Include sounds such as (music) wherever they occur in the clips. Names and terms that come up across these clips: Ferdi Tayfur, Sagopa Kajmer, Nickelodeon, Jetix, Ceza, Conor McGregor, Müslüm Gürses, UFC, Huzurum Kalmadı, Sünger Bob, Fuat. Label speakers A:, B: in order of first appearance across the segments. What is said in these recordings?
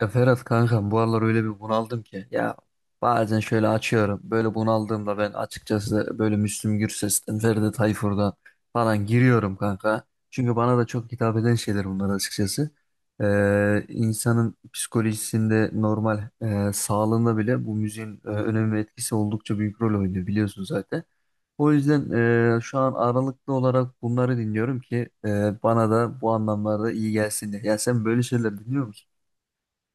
A: Ya Ferhat kankam bu aralar öyle bir bunaldım ki ya bazen şöyle açıyorum böyle bunaldığımda ben açıkçası böyle Müslüm Gürses'ten Ferdi Tayfur'dan falan giriyorum kanka. Çünkü bana da çok hitap eden şeyler bunlar açıkçası. İnsanın psikolojisinde normal sağlığında bile bu müziğin önemi ve etkisi oldukça büyük rol oynuyor biliyorsun zaten. O yüzden şu an aralıklı olarak bunları dinliyorum ki bana da bu anlamlarda iyi gelsin diye. Ya sen böyle şeyler dinliyor musun?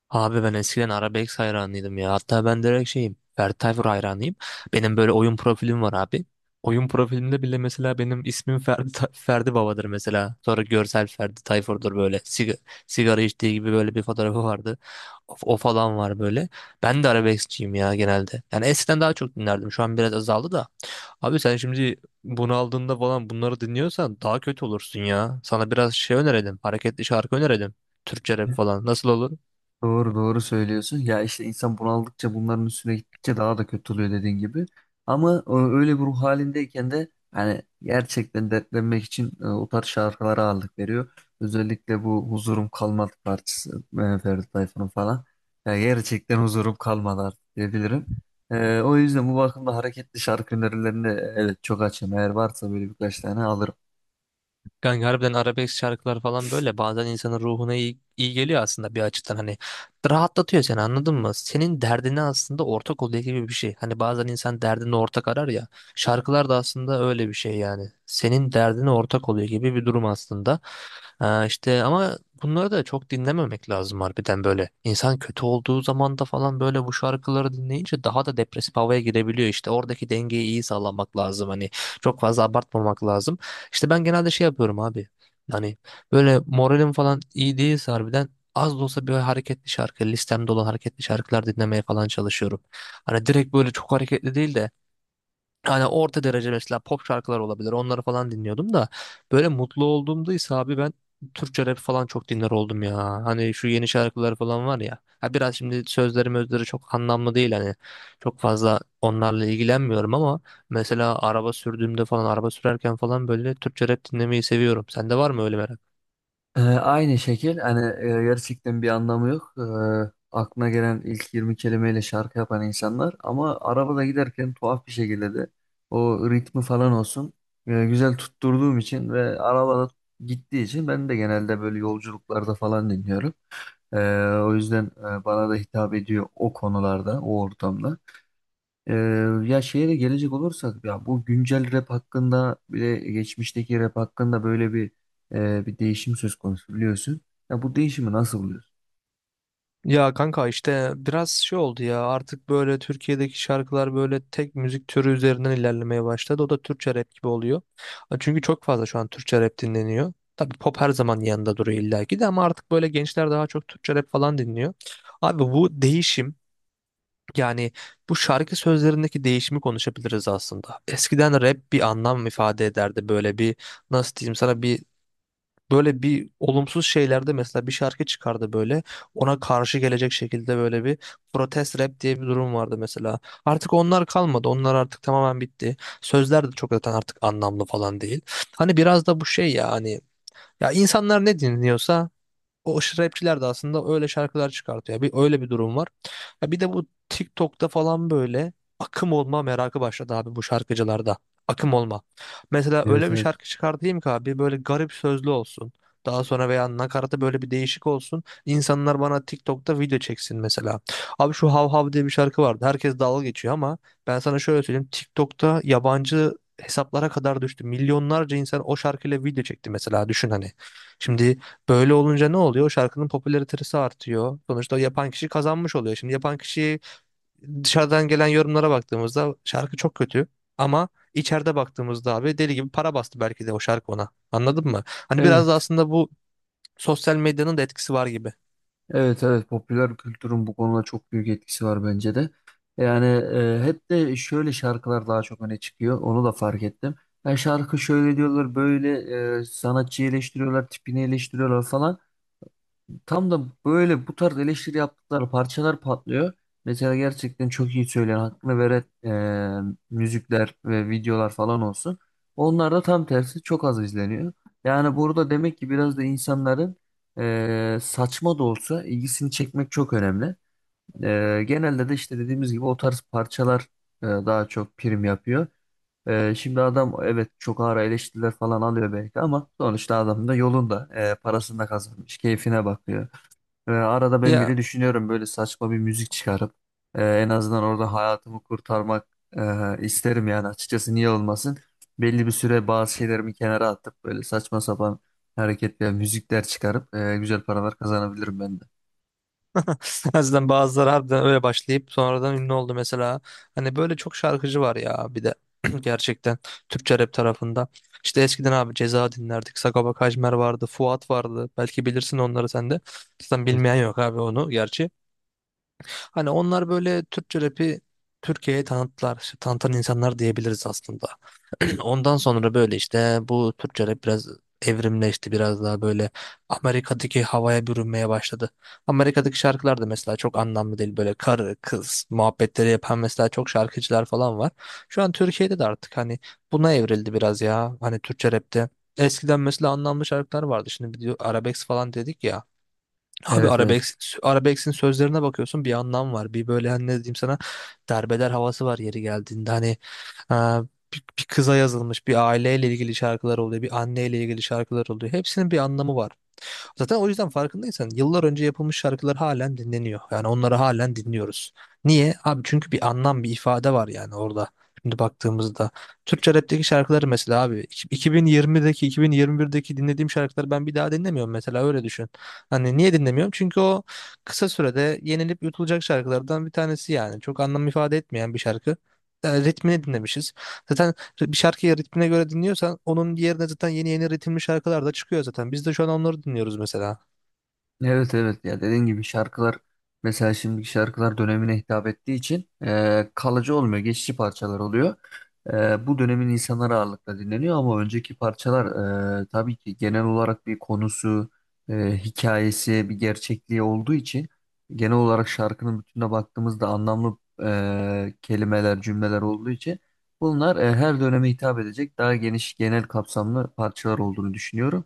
B: Abi ben eskiden arabesk hayranıydım ya. Hatta ben direkt şeyim. Ferdi Tayfur hayranıyım. Benim böyle oyun profilim var abi. Oyun profilimde bile mesela benim ismim Ferdi Baba'dır mesela. Sonra görsel Ferdi Tayfur'dur böyle. Sigara içtiği gibi böyle bir fotoğrafı vardı. O falan var böyle. Ben de arabeskçiyim ya genelde. Yani eskiden daha çok dinlerdim. Şu an biraz azaldı da. Abi sen şimdi bunu aldığında falan bunları dinliyorsan daha kötü olursun ya. Sana biraz şey önerelim. Hareketli şarkı önerelim. Türkçe rap falan. Nasıl olur?
A: Doğru doğru söylüyorsun. Ya işte insan bunaldıkça bunların üstüne gittikçe daha da kötü oluyor dediğin gibi. Ama öyle bir ruh halindeyken de hani gerçekten dertlenmek için o tarz şarkılara ağırlık veriyor. Özellikle bu Huzurum Kalmadı parçası Ferdi Tayfur'un falan. Ya gerçekten huzurum kalmadı artık diyebilirim. O yüzden bu bakımda hareketli şarkı önerilerini evet çok açım. Eğer varsa böyle birkaç tane alırım.
B: Kanka harbiden arabesk şarkılar falan böyle bazen insanın ruhuna iyi, iyi geliyor aslında bir açıdan hani rahatlatıyor seni, anladın mı? Senin derdine aslında ortak oluyor gibi bir şey. Hani bazen insan derdine ortak arar ya, şarkılar da aslında öyle bir şey yani. Senin derdine ortak oluyor gibi bir durum aslında. Ha işte ama bunları da çok dinlememek lazım harbiden böyle. İnsan kötü olduğu zaman da falan böyle bu şarkıları dinleyince daha da depresif havaya girebiliyor işte. Oradaki dengeyi iyi sağlamak lazım hani. Çok fazla abartmamak lazım. İşte ben genelde şey yapıyorum abi. Hani böyle moralim falan iyi değilse harbiden az da olsa böyle hareketli şarkı, listemde olan hareketli şarkılar dinlemeye falan çalışıyorum. Hani direkt böyle çok hareketli değil de hani orta derece mesela pop şarkılar olabilir. Onları falan dinliyordum da böyle mutlu olduğumda ise abi ben Türkçe rap falan çok dinler oldum ya. Hani şu yeni şarkılar falan var ya. Ha biraz şimdi sözleri mözleri çok anlamlı değil hani. Çok fazla onlarla ilgilenmiyorum ama mesela araba sürdüğümde falan, araba sürerken falan böyle Türkçe rap dinlemeyi seviyorum. Sende var mı öyle merak?
A: Aynı şekil hani gerçekten bir anlamı yok. Aklına gelen ilk 20 kelimeyle şarkı yapan insanlar ama arabada giderken tuhaf bir şekilde de o ritmi falan olsun güzel tutturduğum için ve arabada gittiği için ben de genelde böyle yolculuklarda falan dinliyorum. Ee, O yüzden bana da hitap ediyor o konularda, o ortamda. Ee, Ya şeye gelecek olursak ya bu güncel rap hakkında bile geçmişteki rap hakkında böyle bir değişim söz konusu biliyorsun. Ya bu değişimi nasıl buluyorsun?
B: Ya kanka işte biraz şey oldu ya, artık böyle Türkiye'deki şarkılar böyle tek müzik türü üzerinden ilerlemeye başladı. O da Türkçe rap gibi oluyor. Çünkü çok fazla şu an Türkçe rap dinleniyor. Tabii pop her zaman yanında duruyor illaki de, ama artık böyle gençler daha çok Türkçe rap falan dinliyor. Abi bu değişim, yani bu şarkı sözlerindeki değişimi konuşabiliriz aslında. Eskiden rap bir anlam ifade ederdi, böyle bir, nasıl diyeyim sana, bir böyle bir olumsuz şeylerde mesela bir şarkı çıkardı böyle, ona karşı gelecek şekilde böyle bir protest rap diye bir durum vardı mesela. Artık onlar kalmadı. Onlar artık tamamen bitti. Sözler de çok zaten artık anlamlı falan değil. Hani biraz da bu şey ya, hani ya insanlar ne dinliyorsa o aşırı rapçiler de aslında öyle şarkılar çıkartıyor. Bir öyle bir durum var. Ya bir de bu TikTok'ta falan böyle akım olma merakı başladı abi bu şarkıcılarda. Akım olma. Mesela öyle
A: Evet,
B: bir
A: evet.
B: şarkı çıkartayım ki abi böyle garip sözlü olsun. Daha sonra veya nakaratı böyle bir değişik olsun. İnsanlar bana TikTok'ta video çeksin mesela. Abi şu Hav Hav diye bir şarkı vardı. Herkes dalga geçiyor ama ben sana şöyle söyleyeyim. TikTok'ta yabancı hesaplara kadar düştü. Milyonlarca insan o şarkıyla video çekti mesela, düşün hani. Şimdi böyle olunca ne oluyor? O şarkının popülaritesi artıyor. Sonuçta yapan kişi kazanmış oluyor. Şimdi yapan kişi, dışarıdan gelen yorumlara baktığımızda şarkı çok kötü. Ama içeride baktığımızda abi deli gibi para bastı belki de o şarkı ona. Anladın mı? Hani biraz da
A: Evet,
B: aslında bu sosyal medyanın da etkisi var gibi.
A: evet, evet. Popüler kültürün bu konuda çok büyük etkisi var bence de. Yani hep de şöyle şarkılar daha çok öne çıkıyor. Onu da fark ettim. Yani şarkı şöyle diyorlar, böyle sanatçıyı eleştiriyorlar, tipini eleştiriyorlar falan. Tam da böyle bu tarz eleştiri yaptıkları parçalar patlıyor. Mesela gerçekten çok iyi söyleyen, hakkını veren müzikler ve videolar falan olsun. Onlar da tam tersi çok az izleniyor. Yani burada demek ki biraz da insanların saçma da olsa ilgisini çekmek çok önemli. Genelde de işte dediğimiz gibi o tarz parçalar daha çok prim yapıyor. Şimdi adam evet çok ağır eleştiriler falan alıyor belki ama sonuçta adam da yolunda parasını da kazanmış, keyfine bakıyor. Arada ben
B: Ya
A: bile düşünüyorum böyle saçma bir müzik çıkarıp en azından orada hayatımı kurtarmak isterim yani açıkçası niye olmasın. Belli bir süre bazı şeylerimi kenara atıp böyle saçma sapan hareketler, müzikler çıkarıp güzel paralar kazanabilirim ben de.
B: (laughs) o yüzden bazıları harbiden öyle başlayıp sonradan ünlü oldu mesela. Hani böyle çok şarkıcı var ya bir de (clears throat) gerçekten Türkçe rap tarafında. İşte eskiden abi Ceza dinlerdik. Sagopa Kajmer vardı. Fuat vardı. Belki bilirsin onları sen de. Zaten
A: Evet.
B: bilmeyen yok abi onu gerçi. Hani onlar böyle Türkçe rapi Türkiye'ye tanıttılar. İşte tanıtan insanlar diyebiliriz aslında. (clears throat) Ondan sonra böyle işte bu Türkçe rap biraz evrimleşti. Biraz daha böyle Amerika'daki havaya bürünmeye başladı. Amerika'daki şarkılar da mesela çok anlamlı değil. Böyle karı kız muhabbetleri yapan mesela çok şarkıcılar falan var. Şu an Türkiye'de de artık hani buna evrildi biraz ya. Hani Türkçe rapte. Eskiden mesela anlamlı şarkılar vardı. Şimdi bir de arabesk falan dedik ya. Abi
A: Evet, evet.
B: Arabesk'in sözlerine bakıyorsun, bir anlam var. Bir böyle hani, ne diyeyim sana, derbeder havası var yeri geldiğinde. Hani e, bir kıza yazılmış, bir aileyle ilgili şarkılar oluyor. Bir anneyle ilgili şarkılar oluyor. Hepsinin bir anlamı var. Zaten o yüzden farkındaysan yıllar önce yapılmış şarkılar halen dinleniyor. Yani onları halen dinliyoruz. Niye? Abi çünkü bir anlam, bir ifade var yani orada. Şimdi baktığımızda Türkçe rapteki şarkıları mesela abi 2020'deki 2021'deki dinlediğim şarkıları ben bir daha dinlemiyorum mesela, öyle düşün. Hani niye dinlemiyorum? Çünkü o kısa sürede yenilip yutulacak şarkılardan bir tanesi yani. Çok anlam ifade etmeyen bir şarkı. Ritmini dinlemişiz. Zaten bir şarkıyı ritmine göre dinliyorsan onun yerine zaten yeni yeni ritimli şarkılar da çıkıyor zaten. Biz de şu an onları dinliyoruz mesela.
A: Evet, evet, ya dediğin gibi şarkılar mesela şimdiki şarkılar dönemine hitap ettiği için kalıcı olmuyor geçici parçalar oluyor. Bu dönemin insanları ağırlıkla dinleniyor ama önceki parçalar tabii ki genel olarak bir konusu, hikayesi, bir gerçekliği olduğu için genel olarak şarkının bütününe baktığımızda anlamlı kelimeler, cümleler olduğu için bunlar her döneme hitap edecek daha geniş genel kapsamlı parçalar olduğunu düşünüyorum.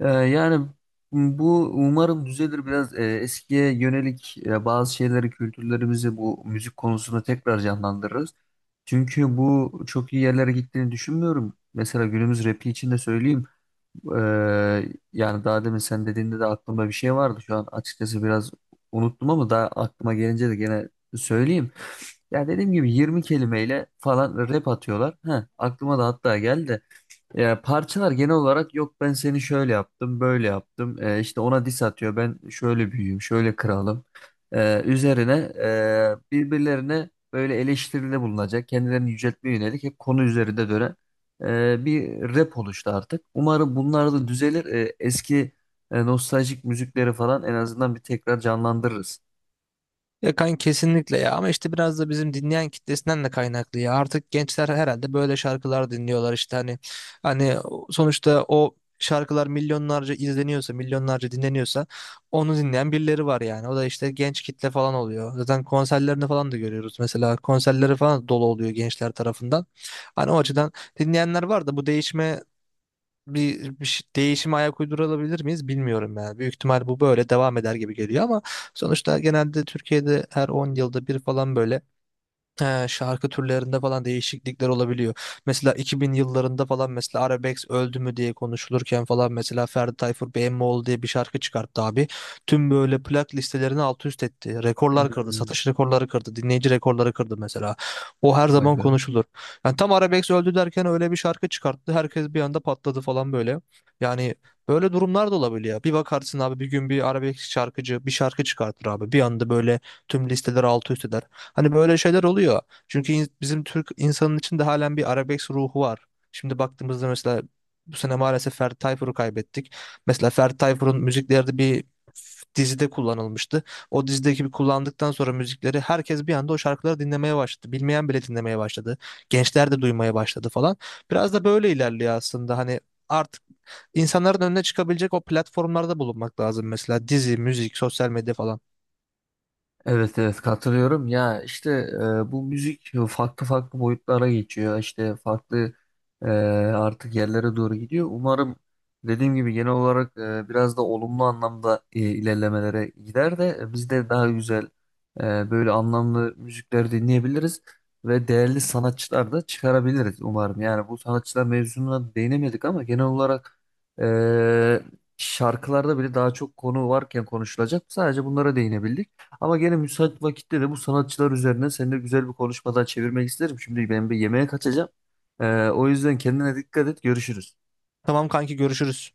A: Yani bu umarım düzelir biraz eskiye yönelik bazı şeyleri kültürlerimizi bu müzik konusunda tekrar canlandırırız. Çünkü bu çok iyi yerlere gittiğini düşünmüyorum. Mesela günümüz rapi için de söyleyeyim. E, Yani daha demin sen dediğinde de aklımda bir şey vardı. Şu an açıkçası biraz unuttum ama daha aklıma gelince de gene söyleyeyim. Ya dediğim gibi 20 kelimeyle falan rap atıyorlar. Heh, aklıma da hatta geldi. Ya parçalar genel olarak yok, ben seni şöyle yaptım böyle yaptım, işte ona diss atıyor, ben şöyle büyüğüm şöyle kralım. Üzerine birbirlerine böyle eleştiride bulunacak, kendilerini yüceltmeye yönelik hep konu üzerinde dönen bir rap oluştu artık. Umarım bunlar da düzelir, eski nostaljik müzikleri falan en azından bir tekrar canlandırırız.
B: Ya kanka kesinlikle ya, ama işte biraz da bizim dinleyen kitlesinden de kaynaklı ya. Artık gençler herhalde böyle şarkılar dinliyorlar işte, hani, hani sonuçta o şarkılar milyonlarca izleniyorsa, milyonlarca dinleniyorsa onu dinleyen birileri var yani. O da işte genç kitle falan oluyor. Zaten konserlerini falan da görüyoruz mesela. Konserleri falan dolu oluyor gençler tarafından. Hani o açıdan dinleyenler var da, bu değişme, değişime ayak uydurabilir miyiz bilmiyorum yani. Büyük ihtimal bu böyle devam eder gibi geliyor ama sonuçta genelde Türkiye'de her 10 yılda bir falan böyle he, şarkı türlerinde falan değişiklikler olabiliyor. Mesela 2000 yıllarında falan, mesela Arabex öldü mü diye konuşulurken falan, mesela Ferdi Tayfur BMO diye bir şarkı çıkarttı abi. Tüm böyle plak listelerini alt üst etti. Rekorlar kırdı.
A: Hmm,
B: Satış rekorları kırdı. Dinleyici rekorları kırdı mesela. O her
A: vay
B: zaman
A: be.
B: konuşulur. Yani tam Arabex öldü derken öyle bir şarkı çıkarttı. Herkes bir anda patladı falan böyle. Yani böyle durumlar da olabiliyor. Bir bakarsın abi bir gün bir Arabex şarkıcı bir şarkı çıkartır abi. Bir anda böyle tüm listeler altı üst eder. Hani böyle şeyler oluyor. Çünkü bizim Türk insanın içinde halen bir arabesk ruhu var. Şimdi baktığımızda mesela bu sene maalesef Ferdi Tayfur'u kaybettik. Mesela Ferdi Tayfur'un müzikleri de bir dizide kullanılmıştı. O dizideki bir kullandıktan sonra müzikleri herkes bir anda o şarkıları dinlemeye başladı. Bilmeyen bile dinlemeye başladı. Gençler de duymaya başladı falan. Biraz da böyle ilerliyor aslında. Hani artık insanların önüne çıkabilecek o platformlarda bulunmak lazım, mesela dizi, müzik, sosyal medya falan.
A: Evet, evet, katılıyorum. Ya işte bu müzik farklı farklı boyutlara geçiyor. İşte farklı artık yerlere doğru gidiyor. Umarım dediğim gibi genel olarak biraz da olumlu anlamda ilerlemelere gider de biz de daha güzel e, böyle anlamlı müzikler dinleyebiliriz ve değerli sanatçılar da çıkarabiliriz umarım. Yani bu sanatçılar mevzuna değinemedik ama genel olarak e, şarkılarda bile daha çok konu varken konuşulacak. Sadece bunlara değinebildik. Ama gene müsait vakitte de bu sanatçılar üzerine seninle güzel bir konuşmadan çevirmek isterim. Şimdi ben bir yemeğe kaçacağım. O yüzden kendine dikkat et. Görüşürüz.
B: Tamam kanki, görüşürüz.